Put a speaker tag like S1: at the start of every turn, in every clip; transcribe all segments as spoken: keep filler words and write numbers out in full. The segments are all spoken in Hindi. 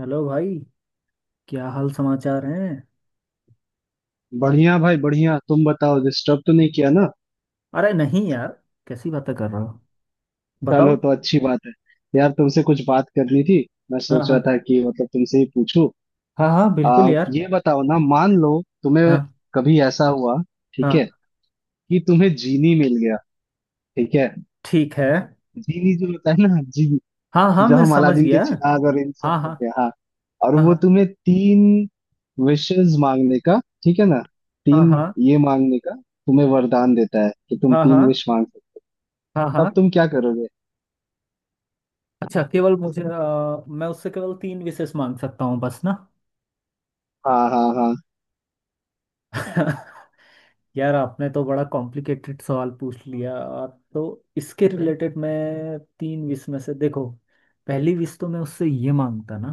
S1: हेलो भाई। क्या हाल समाचार हैं?
S2: बढ़िया भाई बढ़िया। तुम बताओ, डिस्टर्ब तो नहीं किया ना?
S1: अरे नहीं यार, कैसी बातें कर रहे हो।
S2: चलो
S1: बताओ।
S2: तो अच्छी बात है। यार तुमसे कुछ बात करनी थी। मैं
S1: हाँ
S2: सोच रहा
S1: हाँ।
S2: था कि मतलब तुमसे ही पूछूं।
S1: हाँ हाँ बिल्कुल
S2: आ,
S1: यार।
S2: ये बताओ ना, मान लो तुम्हें
S1: हाँ
S2: कभी ऐसा हुआ, ठीक है,
S1: हाँ।
S2: कि तुम्हें जीनी मिल गया। ठीक है,
S1: ठीक है।
S2: जीनी जो होता है ना, जीनी
S1: हाँ हाँ,
S2: जो
S1: मैं
S2: हम
S1: समझ
S2: अलादीन के
S1: गया।
S2: चिराग और इन सब
S1: हाँ हाँ
S2: करते हैं हाँ। और वो
S1: हाँ
S2: तुम्हें तीन विशेष मांगने का, ठीक है ना,
S1: हाँ।
S2: तीन
S1: हाँ
S2: ये मांगने का, तुम्हें वरदान देता है कि तुम
S1: हाँ हाँ
S2: तीन विश मांग सकते
S1: हाँ हाँ
S2: हो। तब
S1: हाँ।
S2: तुम क्या करोगे?
S1: अच्छा, केवल मुझे अ, मैं उससे केवल तीन विशेष मांग सकता हूँ बस ना।
S2: हाँ हाँ हाँ।
S1: यार, आपने तो बड़ा कॉम्प्लिकेटेड सवाल पूछ लिया। तो इसके रिलेटेड मैं तीन विश में से देखो, पहली विश तो मैं उससे ये मांगता ना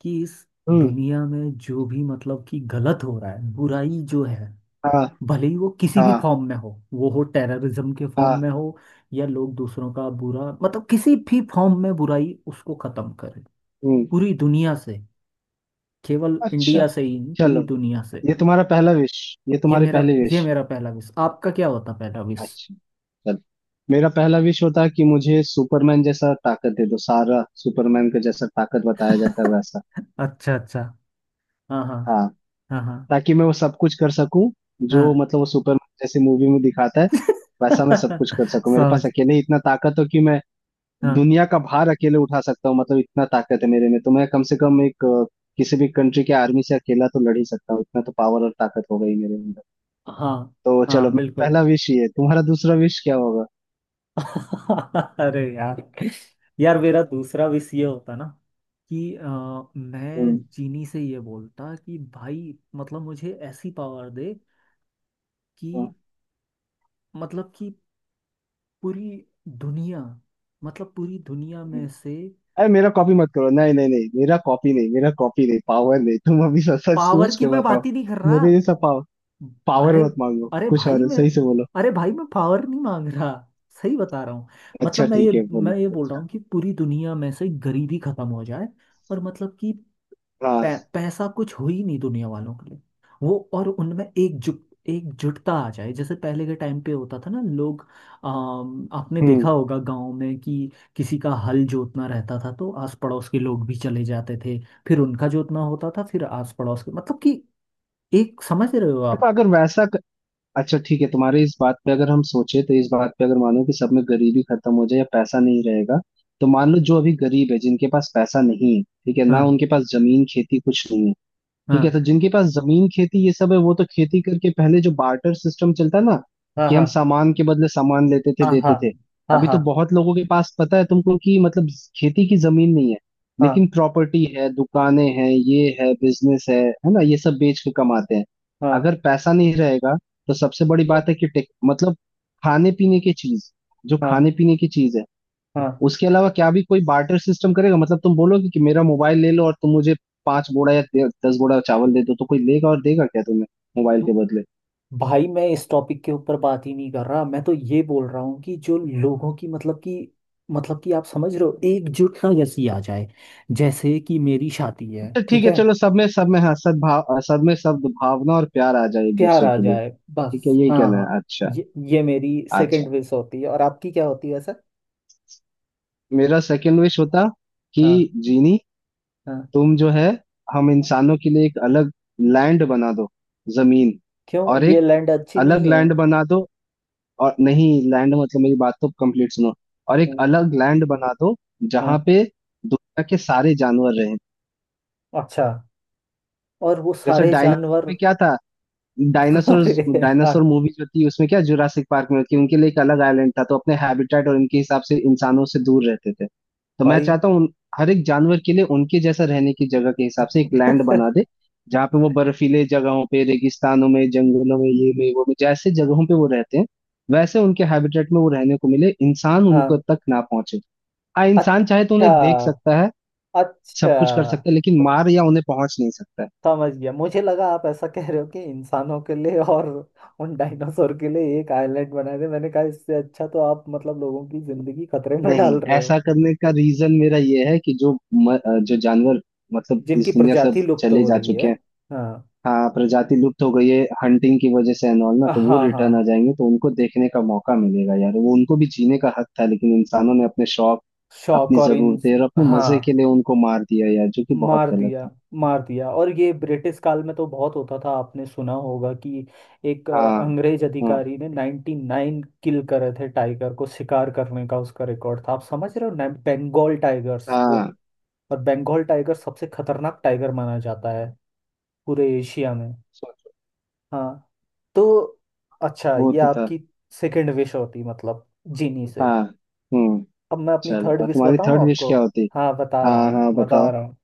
S1: कि इस
S2: हम्म।
S1: दुनिया में जो भी मतलब कि गलत हो रहा है, बुराई जो है,
S2: हाँ
S1: भले ही वो किसी भी
S2: हाँ
S1: फॉर्म में हो, वो हो टेररिज्म के फॉर्म में
S2: हाँ।
S1: हो, या लोग दूसरों का बुरा मतलब किसी भी फॉर्म में बुराई, उसको खत्म करे
S2: हम्म
S1: पूरी दुनिया से, केवल
S2: अच्छा
S1: इंडिया से ही नहीं
S2: चलो,
S1: पूरी दुनिया से।
S2: ये तुम्हारा पहला विश, ये
S1: ये
S2: तुम्हारी
S1: मेरा
S2: पहली
S1: ये
S2: विश।
S1: मेरा पहला विश, आपका क्या होता पहला विश?
S2: अच्छा चलो, मेरा पहला विश होता है कि मुझे सुपरमैन जैसा ताकत दे दो, सारा सुपरमैन का जैसा ताकत बताया जाता है वैसा।
S1: अच्छा अच्छा। हाँ हाँ
S2: हाँ,
S1: हाँ हाँ
S2: ताकि मैं वो सब कुछ कर सकूं जो
S1: हाँ।
S2: मतलब वो सुपरमैन जैसे मूवी में दिखाता है, वैसा मैं सब कुछ कर सकूं, मेरे पास
S1: समझ।
S2: अकेले ही इतना ताकत हो कि मैं
S1: हाँ
S2: दुनिया का भार अकेले उठा सकता हूँ, मतलब इतना ताकत है मेरे में तो मैं कम से कम एक अ, किसी भी कंट्री के आर्मी से अकेला तो लड़ ही सकता हूँ, इतना तो पावर और ताकत हो गई मेरे अंदर।
S1: हाँ
S2: तो
S1: हाँ
S2: चलो मेरा
S1: बिल्कुल।
S2: पहला विश ये है। तुम्हारा दूसरा विश क्या होगा?
S1: अरे यार, यार मेरा दूसरा विश ये होता ना कि अ,
S2: हम्म।
S1: मैं जीनी से ये बोलता कि भाई मतलब मुझे ऐसी पावर दे कि
S2: हाँ।
S1: मतलब कि पूरी दुनिया, मतलब पूरी दुनिया में
S2: हम्म।
S1: से।
S2: अरे मेरा कॉपी मत करो, नहीं नहीं नहीं, मेरा कॉपी नहीं, मेरा कॉपी नहीं पावर नहीं, तुम अभी सच सच
S1: पावर
S2: सोच
S1: की
S2: के
S1: मैं
S2: बताओ,
S1: बात ही नहीं कर रहा।
S2: मेरे जैसा पावर, पावर
S1: अरे
S2: मत मांगो,
S1: अरे
S2: कुछ और
S1: भाई
S2: है,
S1: मैं
S2: सही से बोलो।
S1: अरे भाई मैं पावर नहीं मांग रहा, सही बता रहा हूँ। मतलब
S2: अच्छा
S1: मैं ये
S2: ठीक है
S1: मैं
S2: बोलो,
S1: ये बोल रहा
S2: अच्छा।
S1: हूँ कि पूरी दुनिया में से गरीबी खत्म हो जाए, और मतलब कि
S2: हाँ।
S1: पै, पैसा कुछ हो ही नहीं दुनिया वालों के लिए, वो और उनमें एकजुट एकजुटता आ जाए, जैसे पहले के टाइम पे होता था ना लोग। अम, आपने
S2: हम्म
S1: देखा होगा गांव में कि किसी का हल जोतना रहता था तो आस पड़ोस के लोग भी चले जाते थे, फिर उनका जोतना होता था, फिर आस पड़ोस के मतलब कि एक, समझ रहे हो
S2: देखो
S1: आप?
S2: अगर वैसा, अच्छा ठीक है तुम्हारे इस बात पे अगर हम सोचे, तो इस बात पे अगर मानो कि सब में गरीबी खत्म हो जाए या पैसा नहीं रहेगा, तो मान लो जो अभी गरीब है, जिनके पास पैसा नहीं है, ठीक है ना,
S1: हाँ
S2: उनके पास जमीन खेती कुछ नहीं है। ठीक है,
S1: हाँ
S2: तो जिनके पास जमीन खेती ये सब है, वो तो खेती करके पहले जो बार्टर सिस्टम चलता ना,
S1: हाँ
S2: कि
S1: हाँ
S2: हम सामान के बदले सामान लेते थे
S1: हाँ हाँ
S2: देते थे।
S1: हाँ
S2: अभी तो
S1: हाँ
S2: बहुत लोगों के पास पता है तुमको कि मतलब खेती की जमीन नहीं है,
S1: हाँ
S2: लेकिन प्रॉपर्टी है, दुकानें हैं, ये है, बिजनेस है है ना, ये सब बेच के कमाते हैं।
S1: हाँ
S2: अगर पैसा नहीं रहेगा, तो सबसे बड़ी बात है कि टेक- मतलब खाने पीने की चीज, जो
S1: हाँ
S2: खाने पीने की चीज है
S1: हाँ।
S2: उसके अलावा क्या भी कोई बार्टर सिस्टम करेगा? मतलब तुम बोलोगे कि मेरा मोबाइल ले लो और तुम मुझे पांच बोरा या दे- दस बोरा चावल दे दो, तो कोई लेगा और देगा क्या तुम्हें मोबाइल के बदले?
S1: भाई मैं इस टॉपिक के ऊपर बात ही नहीं कर रहा, मैं तो ये बोल रहा हूँ कि जो लोगों की मतलब कि, मतलब कि आप समझ रहे हो एकजुटता जैसी आ जाए, जैसे कि मेरी शादी है
S2: तो ठीक
S1: ठीक
S2: है
S1: है।
S2: चलो, सब में, सब में हाँ सद्भाव, सब में सद्भावना और प्यार आ जाए एक
S1: प्यार
S2: दूसरे
S1: आ
S2: के लिए।
S1: जाए
S2: ठीक है
S1: बस।
S2: यही
S1: हाँ
S2: कहना
S1: हाँ।
S2: है, अच्छा।
S1: ये ये मेरी
S2: अच्छा,
S1: सेकंड विश होती है, और आपकी क्या होती है सर?
S2: मेरा सेकंड विश होता कि
S1: हाँ
S2: जीनी
S1: हाँ।
S2: तुम जो है हम इंसानों के लिए एक अलग लैंड बना दो, जमीन,
S1: क्यों,
S2: और
S1: ये
S2: एक
S1: लैंड अच्छी नहीं
S2: अलग
S1: है?
S2: लैंड बना दो। और नहीं, लैंड मतलब मेरी बात तो कंप्लीट सुनो। और एक
S1: हम्म,
S2: अलग लैंड बना दो
S1: हाँ।
S2: जहां पे दुनिया के सारे जानवर रहे।
S1: अच्छा, और वो
S2: जैसे
S1: सारे
S2: डायनासोर
S1: जानवर।
S2: में क्या था, डायनासोर,
S1: अरे
S2: डायनासोर
S1: यार
S2: मूवी जो थी उसमें क्या, जुरासिक पार्क में थी, उनके लिए एक अलग आइलैंड था, तो अपने हैबिटेट और उनके हिसाब से इंसानों से दूर रहते थे। तो मैं
S1: भाई।
S2: चाहता हूँ उन- हर एक जानवर के लिए उनके जैसा रहने की जगह के हिसाब से एक लैंड बना दे, जहाँ पे वो बर्फीले जगहों पे, रेगिस्तानों में, जंगलों में, ये में वो में जैसे जगहों पे वो रहते हैं, वैसे उनके हैबिटेट में वो रहने को मिले, इंसान उनको
S1: हाँ।
S2: तक ना पहुंचे। हाँ, इंसान चाहे तो
S1: अच्छा
S2: उन्हें देख सकता है, सब
S1: अच्छा
S2: कुछ कर सकता है, लेकिन मार या उन्हें पहुंच नहीं सकता है।
S1: समझ गया, मुझे लगा आप ऐसा कह रहे हो कि इंसानों के लिए और उन डायनासोर के लिए एक आइलैंड बना दे, मैंने कहा इससे अच्छा तो आप मतलब लोगों की जिंदगी खतरे में
S2: नहीं,
S1: डाल रहे हो।
S2: ऐसा करने का रीजन मेरा ये है कि जो म, अ, जो जानवर मतलब
S1: जिनकी
S2: इस दुनिया से अब
S1: प्रजाति लुप्त
S2: चले
S1: हो
S2: जा
S1: रही है।
S2: चुके हैं,
S1: हाँ
S2: हाँ प्रजाति लुप्त हो गई है हंटिंग की वजह से एंड ऑल ना, तो वो
S1: हाँ।
S2: रिटर्न आ
S1: हाँ,
S2: जाएंगे तो उनको देखने का मौका मिलेगा यार। वो उनको भी जीने का हक था, लेकिन इंसानों ने अपने शौक,
S1: शौक
S2: अपनी
S1: और इन।
S2: जरूरतें और अपने मजे के
S1: हाँ,
S2: लिए उनको मार दिया यार, जो कि बहुत
S1: मार
S2: गलत
S1: दिया।
S2: था।
S1: मार दिया, और ये ब्रिटिश काल में तो बहुत होता था, आपने सुना होगा कि एक अ,
S2: हाँ
S1: अंग्रेज
S2: हाँ
S1: अधिकारी ने नाइंटी नाइन किल करे थे टाइगर को, शिकार करने का उसका रिकॉर्ड था। आप समझ रहे हो ना, बंगाल टाइगर्स वो।
S2: हाँ।
S1: और बंगाल टाइगर सबसे खतरनाक टाइगर माना जाता है पूरे एशिया में।
S2: सोचो,
S1: हाँ, तो अच्छा,
S2: वो
S1: ये
S2: तो था।
S1: आपकी सेकंड विश होती मतलब जीनी से।
S2: हाँ। हम्म
S1: अब मैं अपनी
S2: चलो
S1: थर्ड
S2: और
S1: विश
S2: तुम्हारी
S1: बताऊं
S2: थर्ड विश
S1: आपको?
S2: क्या होती?
S1: हाँ, बता
S2: हाँ
S1: रहा हूँ
S2: हाँ
S1: बता
S2: बताओ,
S1: रहा हूँ।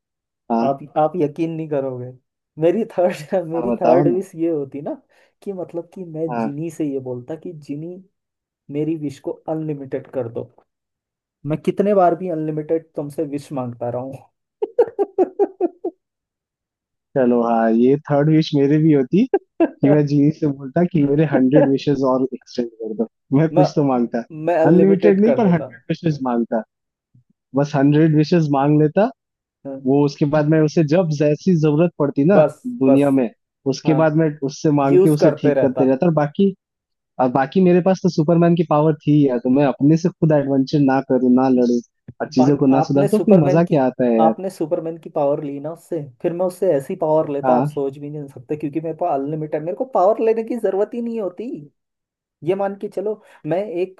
S2: हाँ
S1: आप आप यकीन नहीं करोगे। मेरी थर्ड
S2: हाँ
S1: मेरी
S2: बताओ
S1: थर्ड
S2: ना।
S1: विश ये होती ना कि मतलब कि मैं
S2: हाँ,
S1: जिनी से ये बोलता कि जिनी, मेरी विश को अनलिमिटेड कर दो, मैं कितने बार भी अनलिमिटेड तुमसे विश मांगता रहा हूँ।
S2: चलो हाँ, ये थर्ड विश मेरे भी होती कि मैं जीनी से बोलता कि मेरे हंड्रेड विशेस और एक्सटेंड कर दो, मैं
S1: मैं
S2: कुछ तो मांगता,
S1: मैं
S2: अनलिमिटेड
S1: अनलिमिटेड
S2: नहीं
S1: कर
S2: पर
S1: देता।
S2: हंड्रेड विशेस मांगता, बस हंड्रेड विशेस मांग लेता।
S1: हाँ,
S2: वो उसके बाद मैं उसे जब जैसी जरूरत पड़ती ना
S1: बस बस।
S2: दुनिया में, उसके
S1: हाँ,
S2: बाद मैं उससे मांग के
S1: यूज
S2: उसे
S1: करते
S2: ठीक
S1: रहता।
S2: करते रहता। और बाकी, और बाकी मेरे पास तो सुपरमैन की पावर थी यार, तो मैं अपने से खुद एडवेंचर ना करूँ, ना लड़ू और चीजों
S1: बाकी
S2: को ना
S1: आपने
S2: सुधार, तो फिर
S1: सुपरमैन
S2: मजा
S1: की
S2: क्या आता है यार?
S1: आपने सुपरमैन की पावर ली ना उससे, फिर मैं उससे ऐसी पावर लेता आप
S2: हाँ?
S1: सोच भी नहीं सकते, क्योंकि मेरे पास अनलिमिटेड, मेरे को पावर लेने की जरूरत ही नहीं होती। ये मान के चलो, मैं एक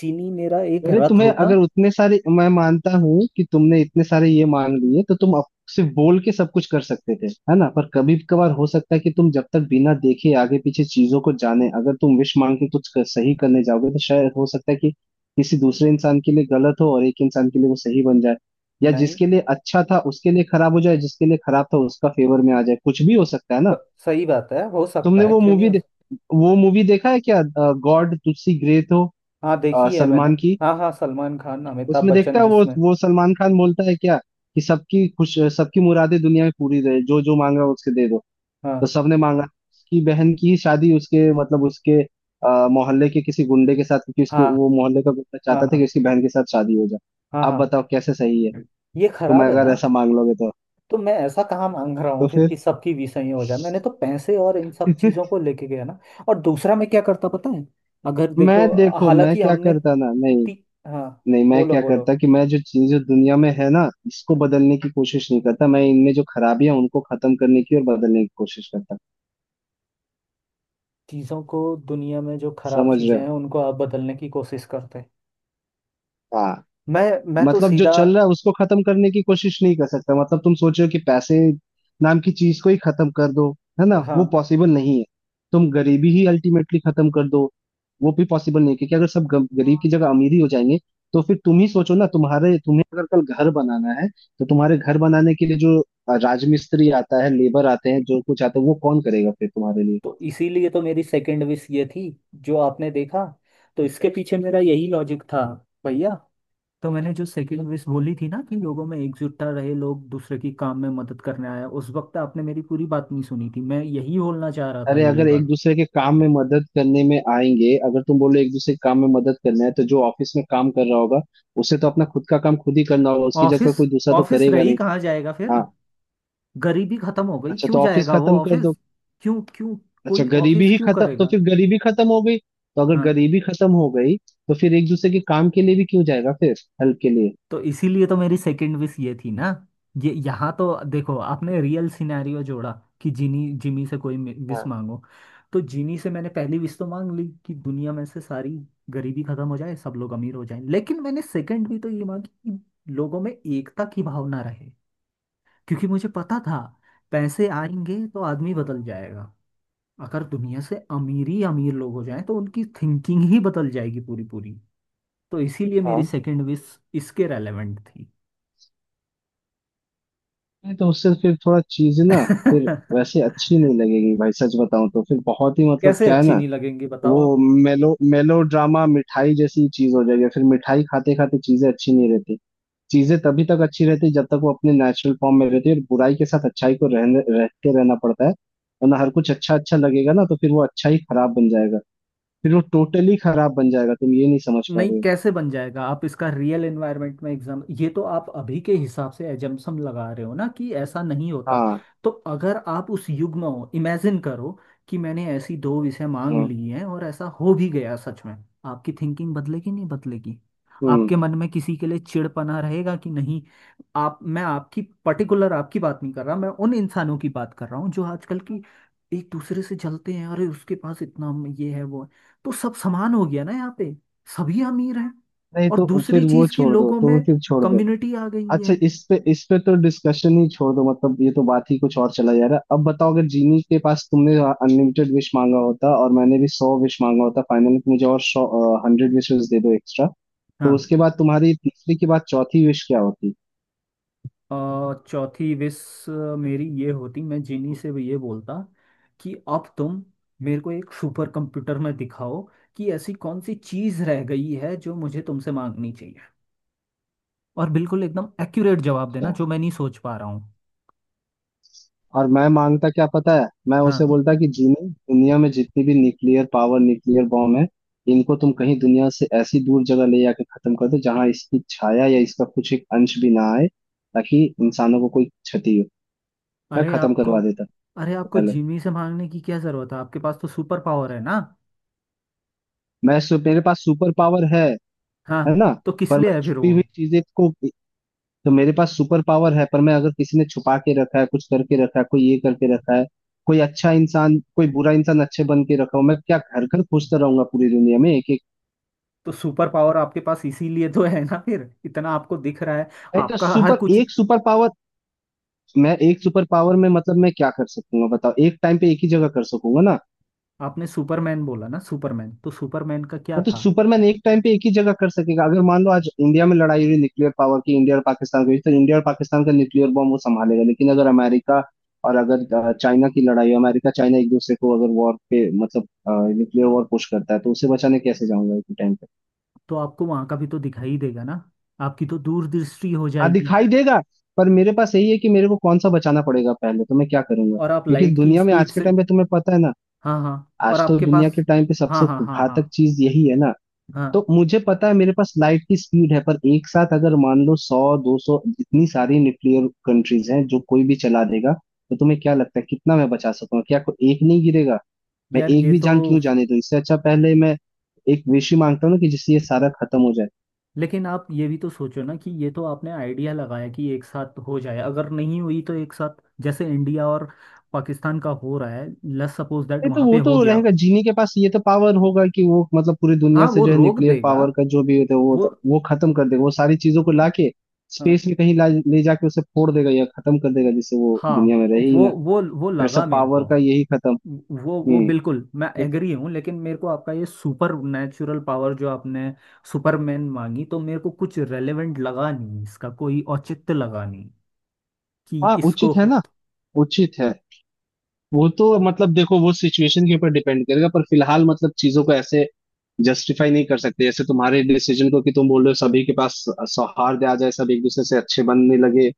S1: जीनी मेरा एक
S2: अरे
S1: रथ
S2: तुम्हें
S1: होता।
S2: अगर उतने सारे, मैं मानता हूँ कि तुमने इतने सारे ये मान लिए तो तुम अप- सिर्फ बोल के सब कुछ कर सकते थे, है ना, पर कभी कभार हो सकता है कि तुम जब तक बिना देखे आगे पीछे चीजों को जाने, अगर तुम विश मांग के कुछ कर, सही करने जाओगे, तो शायद हो सकता है कि किसी दूसरे इंसान के लिए गलत हो और एक इंसान के लिए वो सही बन जाए, या
S1: नहीं
S2: जिसके लिए अच्छा था उसके लिए खराब हो जाए, जिसके लिए खराब था उसका फेवर में आ जाए, कुछ भी हो सकता है ना।
S1: ब- सही बात है, हो सकता
S2: तुमने
S1: है,
S2: वो
S1: क्यों नहीं
S2: मूवी
S1: हो
S2: दे,
S1: सकता।
S2: वो मूवी देखा है क्या, गॉड तुसी ग्रेट हो,
S1: हाँ,
S2: अ,
S1: देखी है मैंने।
S2: सलमान की?
S1: हाँ हाँ सलमान खान अमिताभ
S2: उसमें देखता
S1: बच्चन
S2: है, वो
S1: जिसमें।
S2: वो सलमान खान बोलता है क्या कि सबकी खुश, सबकी मुरादें दुनिया में पूरी रहे, जो जो मांगा उसके दे दो। तो
S1: हाँ
S2: सबने मांगा उसकी बहन की शादी उसके मतलब उसके अ, मोहल्ले के किसी गुंडे के साथ, क्योंकि उसके
S1: हाँ
S2: वो मोहल्ले का गुंडा
S1: हाँ
S2: चाहता था कि
S1: हाँ
S2: उसकी बहन के साथ शादी हो जाए।
S1: हाँ
S2: आप
S1: हाँ।
S2: बताओ कैसे सही है,
S1: ये
S2: तुम
S1: खराब है
S2: अगर
S1: ना।
S2: ऐसा मांग लोगे तो?
S1: तो मैं ऐसा कहाँ मांग रहा
S2: तो
S1: हूँ फिर कि
S2: फिर
S1: सबकी विषय ही हो जाए, मैंने तो पैसे और इन सब चीजों को लेके गया ना। और दूसरा मैं क्या करता पता है, अगर
S2: मैं
S1: देखो,
S2: देखो मैं
S1: हालांकि
S2: क्या
S1: हमने
S2: करता ना, नहीं,
S1: ती, हाँ,
S2: नहीं मैं
S1: बोलो
S2: क्या
S1: बोलो।
S2: करता कि मैं जो चीजें दुनिया में है ना इसको
S1: हम्म,
S2: बदलने की कोशिश नहीं करता, मैं इनमें जो खराबियां उनको खत्म करने की और बदलने की कोशिश करता,
S1: चीजों को, दुनिया में जो खराब
S2: समझ रहे
S1: चीजें हैं
S2: हो?
S1: उनको आप बदलने की कोशिश करते हैं।
S2: हाँ,
S1: मैं मैं तो
S2: मतलब जो
S1: सीधा,
S2: चल रहा है उसको खत्म करने की कोशिश नहीं कर सकता। मतलब तुम सोचो कि पैसे नाम की चीज को ही खत्म कर दो, है ना
S1: हाँ
S2: वो पॉसिबल नहीं है। तुम गरीबी ही अल्टीमेटली खत्म कर दो, वो भी पॉसिबल नहीं है, क्योंकि अगर सब गम- गरीब की जगह अमीर ही हो जाएंगे तो फिर तुम ही सोचो ना, तुम्हारे तुम्हें अगर कल घर बनाना है, तो तुम्हारे घर बनाने के लिए जो राजमिस्त्री आता है, लेबर आते हैं, जो कुछ आता है, वो कौन करेगा फिर तुम्हारे लिए?
S1: तो इसीलिए तो मेरी सेकंड विश ये थी, जो आपने देखा। तो इसके पीछे मेरा यही लॉजिक था भैया। तो मैंने जो सेकंड विश बोली थी ना कि लोगों में एकजुटता रहे, लोग दूसरे की काम में मदद करने आए, उस वक्त आपने मेरी पूरी बात नहीं सुनी थी, मैं यही बोलना चाह रहा था,
S2: अरे
S1: यही
S2: अगर एक
S1: बात।
S2: दूसरे के काम में मदद करने में आएंगे, अगर तुम बोलो एक दूसरे के काम में मदद करना है, तो जो ऑफिस में काम कर रहा होगा उसे तो अपना खुद का काम खुद ही करना होगा, उसकी
S1: ऑफिस,
S2: जगह कोई दूसरा तो
S1: ऑफिस
S2: करेगा
S1: रही
S2: नहीं।
S1: कहाँ जाएगा फिर?
S2: हाँ,
S1: गरीबी खत्म हो गई
S2: अच्छा
S1: क्यों
S2: तो ऑफिस
S1: जाएगा वो
S2: खत्म कर
S1: ऑफिस?
S2: दो,
S1: क्यों क्यों?
S2: अच्छा
S1: कोई
S2: गरीबी
S1: ऑफिस
S2: ही
S1: क्यों
S2: खत्म, तो
S1: करेगा?
S2: फिर गरीबी खत्म हो गई, तो अगर
S1: हाँ।
S2: गरीबी खत्म हो गई तो फिर एक दूसरे के काम के लिए भी क्यों जाएगा फिर? हेल्प के लिए।
S1: तो इसीलिए तो मेरी सेकंड विश ये थी ना, ये यहाँ तो देखो आपने रियल सिनेरियो जोड़ा कि जिनी जिमी से कोई विश
S2: हाँ
S1: मांगो, तो जिनी से मैंने पहली विश तो मांग ली कि दुनिया में से सारी गरीबी खत्म हो जाए, सब लोग अमीर हो जाएं, लेकिन मैंने सेकंड भी तो ये मांगी कि लोगों में एकता की भावना रहे, क्योंकि मुझे पता था पैसे आएंगे तो आदमी बदल जाएगा, अगर दुनिया से अमीर ही अमीर लोग हो जाएं तो उनकी थिंकिंग ही बदल जाएगी पूरी पूरी। तो इसीलिए मेरी
S2: हाँ।
S1: सेकंड विश इसके रेलेवेंट थी।
S2: नहीं तो उससे फिर थोड़ा चीज ना, फिर वैसे अच्छी नहीं लगेगी भाई सच बताऊं तो, फिर बहुत ही मतलब
S1: कैसे
S2: क्या है
S1: अच्छी
S2: ना,
S1: नहीं लगेंगी बताओ
S2: वो
S1: आप?
S2: मेलो मेलो ड्रामा मिठाई जैसी चीज हो जाएगी, फिर मिठाई खाते खाते चीजें अच्छी नहीं रहती। चीजें तभी तक अच्छी रहती जब तक वो अपने नेचुरल फॉर्म में रहती है, और बुराई के साथ अच्छाई को रहने रहते रहना पड़ता है, वरना हर कुछ अच्छा अच्छा लगेगा ना, तो फिर वो अच्छा ही खराब बन जाएगा, फिर वो टोटली खराब बन जाएगा, तुम ये नहीं समझ पा
S1: नहीं
S2: रहे हो।
S1: कैसे बन जाएगा, आप इसका रियल एनवायरनमेंट में एग्जाम, ये तो आप अभी के हिसाब से एजम्पशन लगा रहे हो ना कि ऐसा नहीं होता।
S2: हाँ।
S1: तो अगर आप उस युग में हो, इमेजिन करो कि मैंने ऐसी दो विषय मांग
S2: हाँ।
S1: ली हैं और ऐसा हो भी गया सच में, आपकी थिंकिंग बदलेगी नहीं बदलेगी?
S2: हम्म
S1: आपके मन में किसी के लिए चिड़पना रहेगा कि नहीं? आप, मैं आपकी पर्टिकुलर आपकी बात नहीं कर रहा, मैं उन इंसानों की बात कर रहा हूँ जो आजकल की एक दूसरे से जलते हैं, अरे उसके पास इतना ये है वो है। तो सब समान हो गया ना यहाँ पे, सभी अमीर हैं।
S2: नहीं
S1: और
S2: तो
S1: दूसरी
S2: फिर वो
S1: चीज की
S2: छोड़ दो,
S1: लोगों में
S2: तो फिर छोड़ दो।
S1: कम्युनिटी आ गई
S2: अच्छा,
S1: है।
S2: इस पे, इस पे तो डिस्कशन ही छोड़ दो, मतलब ये तो बात ही कुछ और चला जा रहा है। अब बताओ, अगर जीनी के पास तुमने अनलिमिटेड विश मांगा होता और मैंने भी सौ विश मांगा होता, फाइनली तुम मुझे और सौ हंड्रेड विशेस दे दो एक्स्ट्रा, तो
S1: हाँ,
S2: उसके बाद तुम्हारी तीसरी के बाद चौथी विश क्या होती?
S1: और चौथी विश मेरी ये होती, मैं जिनी से भी ये बोलता कि अब तुम मेरे को एक सुपर कंप्यूटर में दिखाओ कि ऐसी कौन सी चीज रह गई है जो मुझे तुमसे मांगनी चाहिए, और बिल्कुल एकदम एक्यूरेट जवाब देना
S2: अच्छा,
S1: जो मैं नहीं सोच पा रहा हूँ।
S2: और मैं मांगता क्या पता है, मैं
S1: हाँ।
S2: उसे बोलता कि जीनी, दुनिया में जितनी भी न्यूक्लियर पावर, न्यूक्लियर बॉम्ब है, इनको तुम कहीं दुनिया से ऐसी दूर जगह ले जाके खत्म कर दो, जहां इसकी छाया या इसका कुछ एक अंश भी ना आए, ताकि इंसानों को कोई क्षति, मैं
S1: अरे
S2: खत्म
S1: आपको
S2: करवा देता
S1: अरे
S2: सबसे
S1: आपको
S2: पहले।
S1: जिमी से मांगने की क्या जरूरत है, आपके पास तो सुपर पावर है ना।
S2: मैं सु, मेरे पास सुपर पावर है
S1: हाँ,
S2: है ना,
S1: तो किस
S2: पर मैं
S1: लिए है फिर
S2: छुपी
S1: वो?
S2: हुई चीजें को, तो मेरे पास सुपर पावर है, पर मैं अगर किसी ने छुपा के रखा है, कुछ करके रखा है, कोई ये करके रखा है, कोई अच्छा इंसान कोई बुरा इंसान अच्छे बन के रखा हो, मैं क्या घर घर खोजता रहूंगा पूरी दुनिया में एक एक?
S1: तो सुपर पावर आपके पास इसीलिए तो है ना, फिर इतना आपको दिख रहा है
S2: नहीं तो
S1: आपका हर
S2: सुपर
S1: कुछ।
S2: एक सुपर पावर, मैं एक सुपर पावर में मतलब मैं क्या कर सकूंगा बताओ, एक टाइम पे एक ही जगह कर सकूंगा ना।
S1: आपने सुपरमैन बोला ना, सुपरमैन, तो सुपरमैन का क्या
S2: हाँ, तो
S1: था।
S2: सुपरमैन एक टाइम पे एक ही जगह कर सकेगा, अगर मान लो आज इंडिया में लड़ाई हो रही न्यूक्लियर पावर की, इंडिया और पाकिस्तान की, तो इंडिया और पाकिस्तान का न्यूक्लियर बॉम्ब वो संभालेगा, लेकिन अगर अमेरिका और अगर अ, चाइना की लड़ाई हो, अमेरिका चाइना एक दूसरे को अगर वॉर पे, मतलब न्यूक्लियर वॉर पुश करता है, तो उसे बचाने कैसे जाऊंगा एक टाइम पे?
S1: तो आपको वहां का भी तो दिखाई देगा ना, आपकी तो दूरदृष्टि हो
S2: हाँ
S1: जाएगी।
S2: दिखाई देगा, पर मेरे पास यही है कि मेरे को कौन सा बचाना पड़ेगा पहले, तो मैं क्या करूंगा,
S1: और आप
S2: क्योंकि इस
S1: लाइट की
S2: दुनिया में
S1: स्पीड
S2: आज के
S1: से,
S2: टाइम पे तुम्हें पता है ना,
S1: हाँ हाँ, और
S2: आज तो
S1: आपके
S2: दुनिया
S1: पास,
S2: के टाइम पे
S1: हाँ
S2: सबसे
S1: हाँ हाँ हाँ
S2: घातक चीज यही है ना,
S1: हाँ।
S2: तो मुझे पता है मेरे पास लाइट की स्पीड है, पर एक साथ अगर मान लो सौ दो सौ इतनी सारी न्यूक्लियर कंट्रीज हैं जो कोई भी चला देगा, तो तुम्हें क्या लगता है कितना मैं बचा सकूंगा? क्या को एक नहीं गिरेगा? मैं
S1: यार
S2: एक
S1: ये
S2: भी
S1: तो,
S2: जान क्यों जाने दूं, इससे अच्छा पहले मैं एक विश ही मांगता हूँ ना कि जिससे ये सारा खत्म हो जाए।
S1: लेकिन आप ये भी तो सोचो ना कि ये तो आपने आइडिया लगाया कि एक साथ हो जाए, अगर नहीं हुई तो एक साथ, जैसे इंडिया और पाकिस्तान का हो रहा है, लेट्स सपोज दैट
S2: नहीं तो
S1: वहां
S2: वो
S1: पे
S2: तो
S1: हो गया।
S2: रहेगा, जीनी के पास ये तो पावर होगा कि वो मतलब पूरी दुनिया
S1: हाँ
S2: से
S1: वो
S2: जो है
S1: रोक
S2: न्यूक्लियर
S1: देगा,
S2: पावर का जो भी होता है वो
S1: वो,
S2: तो, वो खत्म कर देगा, वो सारी चीजों को लाके
S1: हाँ
S2: स्पेस में कहीं ला, ले जाके उसे फोड़ देगा या खत्म कर देगा, जिससे वो
S1: हाँ,
S2: दुनिया में रहे ही
S1: वो
S2: ना।
S1: वो वो
S2: फिर
S1: लगा
S2: सब
S1: मेरे
S2: पावर
S1: को,
S2: का यही खत्म।
S1: वो वो
S2: हम्म।
S1: बिल्कुल मैं एग्री हूँ, लेकिन मेरे को आपका ये सुपर नेचुरल पावर जो आपने सुपरमैन मांगी, तो मेरे को कुछ रेलेवेंट लगा नहीं, इसका कोई औचित्य लगा नहीं कि
S2: हाँ
S1: इसको।
S2: उचित है ना, उचित है, वो तो मतलब देखो, वो सिचुएशन के ऊपर डिपेंड करेगा, पर फिलहाल मतलब चीजों को ऐसे जस्टिफाई नहीं कर सकते, जैसे तुम्हारे डिसीजन को, कि तुम बोल रहे हो सभी के पास सौहार्द आ जाए, सब एक दूसरे से अच्छे बनने लगे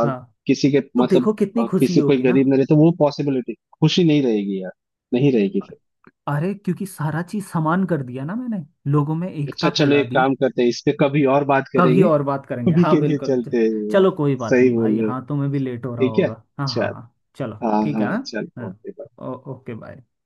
S2: और
S1: हाँ,
S2: किसी के
S1: तो
S2: मतलब
S1: देखो कितनी
S2: अ,
S1: खुशी
S2: किसी कोई
S1: होगी ना।
S2: गरीब ना रहे, तो वो पॉसिबिलिटी खुशी नहीं रहेगी यार, नहीं रहेगी फिर।
S1: अरे क्योंकि सारा चीज समान कर दिया ना मैंने, लोगों में एकता
S2: अच्छा चलो
S1: फैला
S2: एक
S1: दी।
S2: काम करते हैं, इस पे कभी और बात
S1: कभी
S2: करेंगे,
S1: और बात करेंगे
S2: अभी
S1: हाँ
S2: के लिए
S1: बिल्कुल, च-
S2: चलते हैं यार।
S1: चलो कोई बात
S2: सही
S1: नहीं भाई,
S2: बोल रहे हो,
S1: हाँ तुम्हें भी लेट हो रहा
S2: ठीक है
S1: होगा, हाँ हाँ
S2: अच्छा,
S1: हाँ चलो।
S2: हाँ
S1: ठीक है
S2: हाँ
S1: हाँ,
S2: चल
S1: हाँ।
S2: ओके।
S1: ओ- ओके बाय।